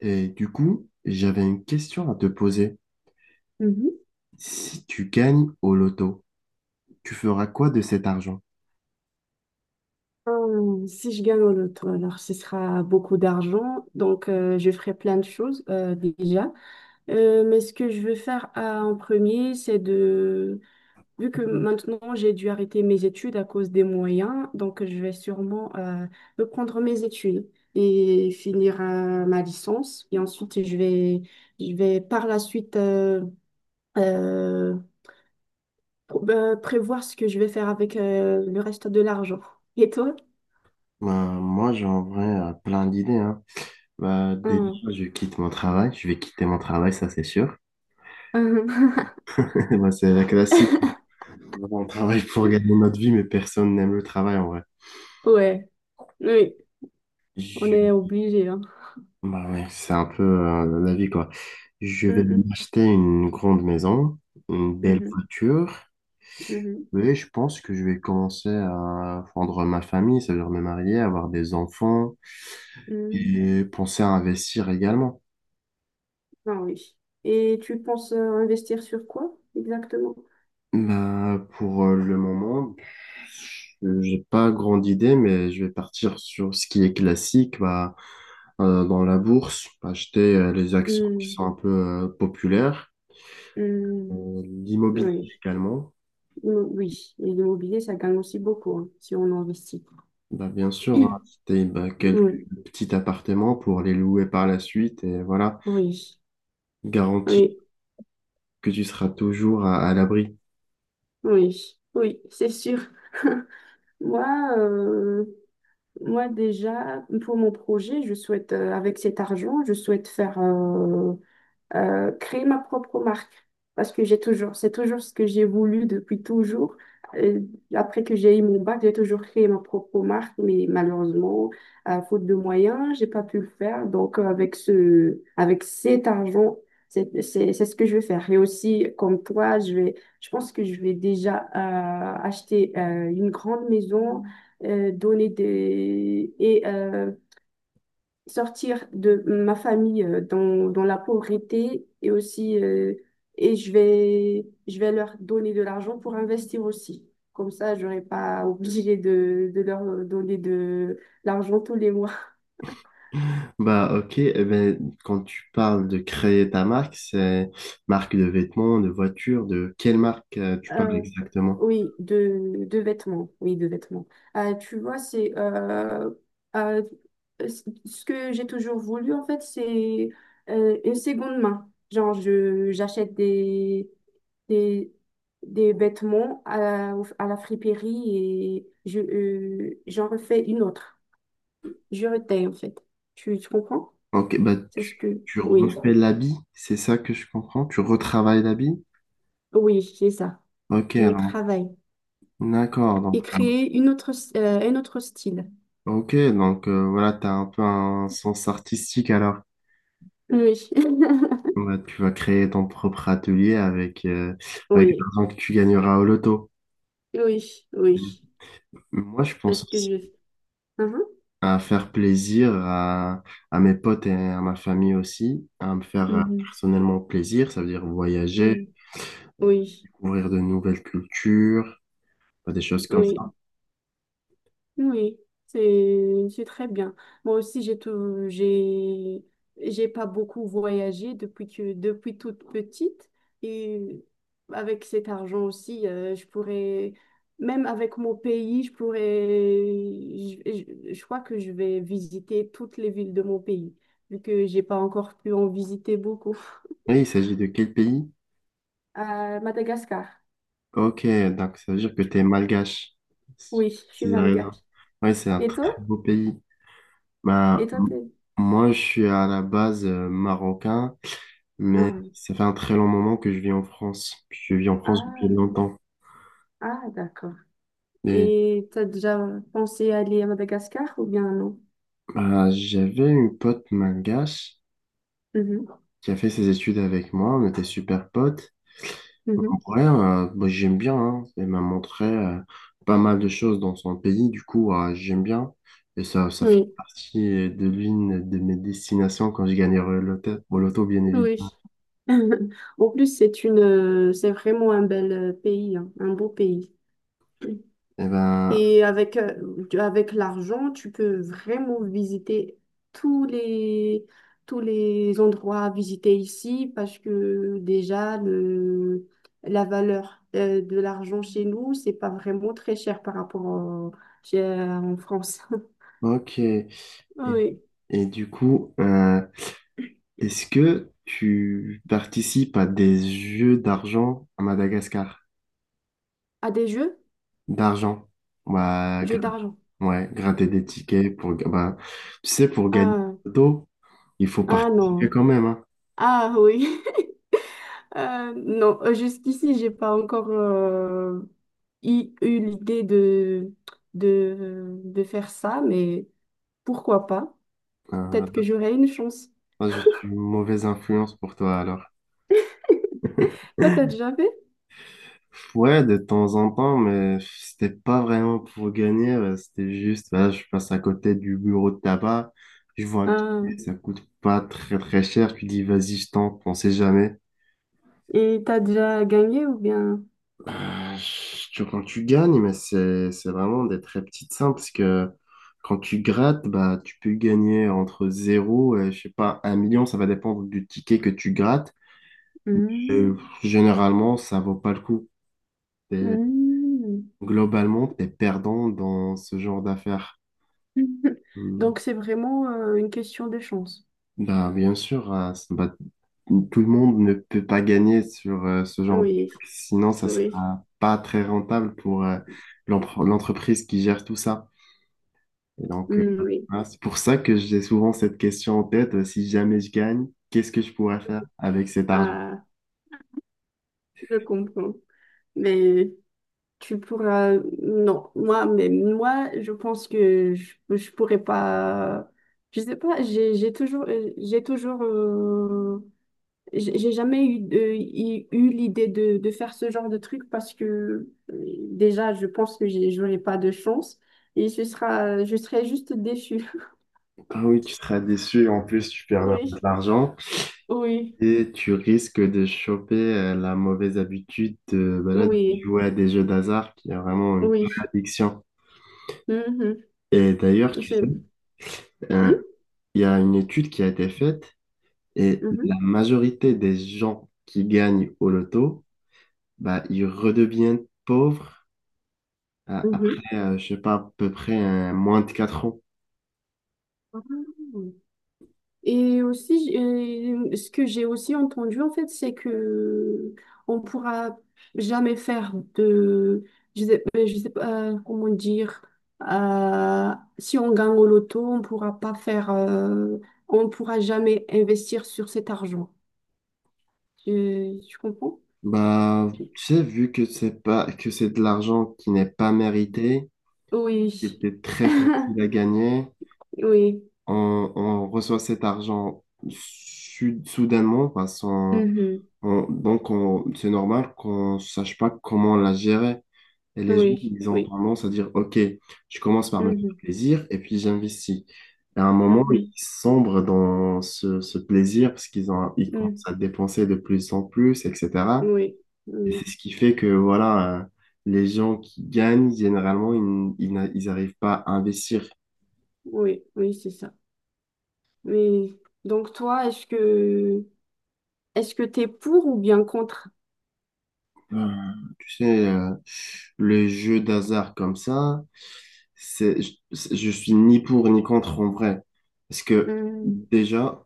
Et du coup, j'avais une question à te poser. Mhm. Si tu gagnes au loto, tu feras quoi de cet argent? Si je gagne au loto, alors ce sera beaucoup d'argent, donc je ferai plein de choses déjà. Mais ce que je veux faire en premier, c'est de... Vu que maintenant j'ai dû arrêter mes études à cause des moyens, donc je vais sûrement reprendre mes études et finir ma licence. Et ensuite, je vais par la suite euh, prévoir ce que je vais faire avec le reste de l'argent. Et toi? Ben, moi, j'ai en vrai plein d'idées, hein. Ben, déjà, je quitte mon travail. Je vais quitter mon travail, ça c'est sûr. Mhm. Ben, c'est la classique. On travaille pour gagner notre vie, mais personne n'aime le travail en vrai. Ouais, oui, on Je- est obligé, hein. ben ouais, c'est un peu la vie, quoi. Je vais Mhm, m'acheter une grande maison, une belle mhm, voiture. mhm, Oui, je pense que je vais commencer à fondre ma famille, ça veut dire me marier, avoir des enfants mhm. et penser à investir également. Ah oui. Et tu penses investir sur quoi exactement? Bah, pour le moment, j'ai pas grande idée, mais je vais partir sur ce qui est classique, bah, dans la bourse, acheter les actions qui Mhm, sont un peu populaires. mhm. L'immobilier Oui, également, oui. Et l'immobilier, ça gagne aussi beaucoup hein, si on investit. bah, bien sûr, hein, acheter bah, quelques petits appartements pour les louer par la suite et voilà, Oui, garantir oui, que tu seras toujours à l'abri. oui, oui, oui, c'est sûr. Moi, euh, moi déjà, pour mon projet, avec cet argent, je souhaite faire créer ma propre marque. Parce que c'est toujours ce que j'ai voulu depuis toujours. Euh, Après que j'ai eu mon bac, j'ai toujours créé ma propre marque, mais malheureusement, à faute de moyens, j'ai pas pu le faire. Donc, avec avec cet argent, c'est ce que je vais faire. Et aussi, comme toi, je pense que je vais déjà acheter une grande maison, donner des, et sortir de ma famille dans la pauvreté et aussi et je vais leur donner de l'argent pour investir aussi. Comme ça, je n'aurai pas obligé de leur donner de l'argent tous les mois. Bah, ok, eh ben, quand tu parles de créer ta marque, c'est marque de vêtements, de voitures, de quelle marque tu parles Euh, exactement? oui, de vêtements. Oui, de vêtements. Tu vois, c'est euh, ce que j'ai toujours voulu, en fait, c'est une seconde main. Genre, j'achète des, des vêtements à, à la friperie et je, j'en refais une autre. Je retaille, en fait. Tu comprends? Ok, bah C'est ce tu, que... tu Oui, refais l'habit, c'est ça que je comprends? Tu retravailles l'habit? oui, c'est ça. Ok, Je alors, travaille. d'accord, Et donc, créer une autre, un autre style. ok, donc voilà, tu as un peu un sens artistique alors. Oui. Bah, tu vas créer ton propre atelier avec Oui, l'argent que tu gagneras au loto. oui, oui. Moi, je pense Est-ce que aussi je... Mhm, à faire plaisir à mes potes et à ma famille aussi, à me faire Mhm. personnellement plaisir, ça veut dire voyager, Oui, euh, oui, découvrir de nouvelles cultures, des choses comme oui, ça. oui. C'est très bien. Moi aussi, j'ai pas beaucoup voyagé depuis toute petite. Et avec cet argent aussi, je pourrais, même avec mon pays, je, je crois que je vais visiter toutes les villes de mon pays, vu que j'ai pas encore pu en visiter beaucoup. Et il s'agit de quel pays? À Madagascar. Ok, donc ça veut dire que tu es malgache, si Oui, je suis si j'ai raison. malgache. Oui, c'est un Et très toi? beau pays. Et Ben, toi, t'es... moi, je suis à la base marocain, mais Ah, ça fait un très long moment que je vis en France. Puis je vis en France depuis ah, longtemps. ah, d'accord. Et Et t'as déjà pensé aller à Madagascar ou bien non? J'avais une pote malgache Mhm, qui a fait ses études avec moi. On était super potes. Donc, en mhm. vrai, moi, j'aime bien, hein. Elle m'a montré pas mal de choses dans son pays. Du coup, j'aime bien. Et ça fait Oui, partie de l'une de mes destinations quand je gagnerai au loto, bien évidemment. oui. En plus, c'est vraiment un bel pays, hein, un beau pays. Eh ben, Et avec, avec l'argent, tu peux vraiment visiter tous les, tous les endroits à visiter ici parce que déjà, la valeur de l'argent chez nous, c'est pas vraiment très cher par rapport en France. ok. Et, Oui. Du coup, est-ce que tu participes à des jeux d'argent à Madagascar? À des jeux? D'argent. Bah, Jeux d'argent. ouais, gratter des tickets bah, tu sais, pour gagner Ah, au loto, il faut ah participer non. quand même, hein. Ah oui. Non, jusqu'ici, j'ai pas encore eu l'idée de faire ça, mais pourquoi pas? Euh, Peut-être que j'aurai une chance. Moi, je suis une mauvaise influence pour toi, alors. Toi, t'as déjà fait? Ouais, de temps en temps, mais c'était pas vraiment pour gagner, c'était juste, là, je passe à côté du bureau de tabac, je vois un Ah, ticket, ça coûte pas très très cher, tu dis, vas-y, je tente, on sait jamais. et t'as déjà gagné ou bien? Euh, Quand tu gagnes, mais c'est vraiment des très petites sommes parce que quand tu grattes, bah, tu peux gagner entre zéro et je sais pas, 1 million. Ça va dépendre du ticket que tu grattes. Et Hmm, généralement, ça vaut pas le coup. T'es- hmm. Globalement, tu es perdant dans ce genre d'affaires. Hmm. Donc, c'est vraiment une question de chance. Bah, bien sûr, bah, tout le monde ne peut pas gagner sur ce genre de Oui, truc. Sinon, ça oui, sera pas très rentable pour l'entreprise qui gère tout ça. Et donc, hmm, oui. voilà, c'est pour ça que j'ai souvent cette question en tête, si jamais je gagne, qu'est-ce que je pourrais faire avec cet argent? Ah, je comprends. Mais Tu pourras... Non, moi, je pense que je pourrais pas... Je sais pas, j'ai toujours... j'ai toujours... j'ai jamais eu, eu l'idée de faire ce genre de truc parce que déjà, je pense que j'aurais pas de chance et ce sera, je serais juste déçue. Ah oui, tu seras déçu, en plus tu perds de Oui, l'argent oui, et tu risques de choper la mauvaise habitude de oui, jouer à des jeux d'hasard qui est vraiment une vraie oui. addiction. Mhm. Et d'ailleurs, tu C'est... sais, euh, Hmm il y a une étude qui a été faite et Mhm. la majorité des gens qui gagnent au loto, bah, ils redeviennent pauvres. Après, je sais pas, à peu près moins de 4 ans. Mhm. Et aussi, ce que j'ai aussi entendu, en fait, c'est que on pourra jamais faire de, je sais pas comment dire, euh, si on gagne au loto, on pourra pas faire, on pourra jamais investir sur cet argent. Tu comprends? Bah, tu sais, vu que c'est pas, que c'est de l'argent qui n'est pas mérité, qui Oui. était très facile à gagner, Oui. on reçoit cet argent soudainement, parce qu'on- Mhm. on- donc on- c'est normal qu'on sache pas comment la gérer. Et les gens, Oui. ils ont Oui. tendance à dire, OK, je commence par me faire Mhm. plaisir et puis j'investis. Et à un moment, ils Mhm. sombrent dans ce plaisir parce qu'ils commencent Mhm. à dépenser de plus en plus, Oui. etc. Oui. Et Mmh. c'est ce qui fait que, voilà, les gens qui gagnent, généralement, ils n'arrivent pas à investir. Oui. Oui, c'est ça. Mais donc toi, est-ce que t'es pour ou bien contre? Euh, Tu sais, le jeu d'hasard comme ça, je suis ni pour ni contre en vrai. Parce que Hmm, déjà,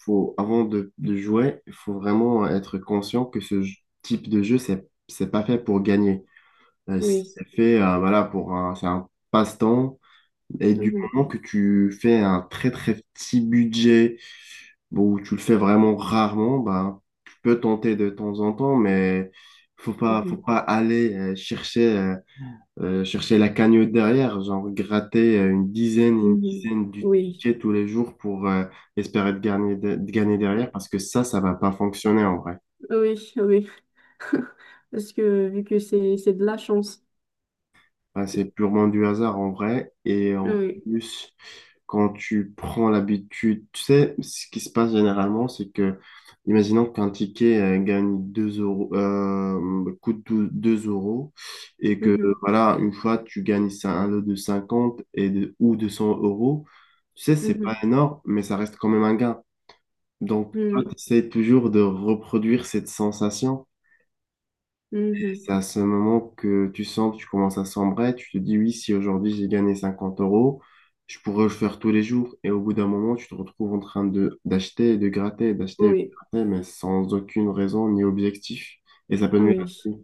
avant de jouer, il faut vraiment être conscient que ce type de jeu, c'est pas fait pour gagner. Oui. C'est fait, voilà, c'est un passe-temps. Et du Mhm, moment que tu fais un très très petit budget, bon, où tu le fais vraiment rarement, ben, tu peux tenter de temps en temps, mais faut pas, faut mhm, pas aller chercher la cagnotte derrière, genre gratter une dizaine, une mhm. dizaine du Oui. ticket tous les jours pour espérer de gagner, de gagner derrière, parce que ça va pas fonctionner en vrai. Oui, oui. Parce que vu que c'est de la chance. Ah, c'est purement du hasard en vrai. Et en Oui. plus, quand tu prends l'habitude, tu sais, ce qui se passe généralement, c'est que, imaginons qu'un ticket gagne 2 euros, coûte 2 euros, et que, Mhm, voilà, une fois, tu gagnes un lot de 50 ou 200 euros, tu sais, c'est pas mhm, énorme, mais ça reste quand même un gain. Donc, toi, oui, tu essaies toujours de reproduire cette sensation. Et mhm. c'est à ce moment que tu sens que tu commences à sombrer, tu te dis oui, si aujourd'hui j'ai gagné 50 euros, je pourrais le faire tous les jours. Et au bout d'un moment, tu te retrouves en train de d'acheter, et de gratter, d'acheter, et de Oui. gratter, mais sans aucune raison ni objectif. Et ça peut nuire à ta Oui. vie.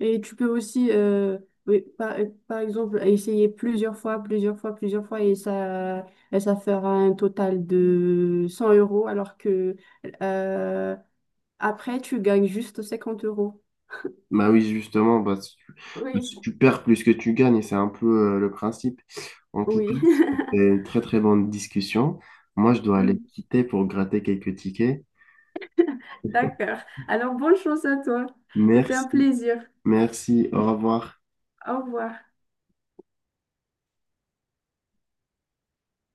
Et tu peux aussi oui, par exemple essayer plusieurs fois et ça fera un total de 100 € alors que euh, après, tu gagnes juste 50 euros. Bah oui, justement, bah, si tu, bah, Oui. si tu perds plus que tu gagnes, et c'est un peu le principe. En tout cas, Oui. c'était une très très bonne discussion. Moi, je dois aller quitter pour gratter quelques tickets. D'accord. Alors, bonne chance à toi. C'était un Merci, plaisir. merci, au revoir. Au revoir.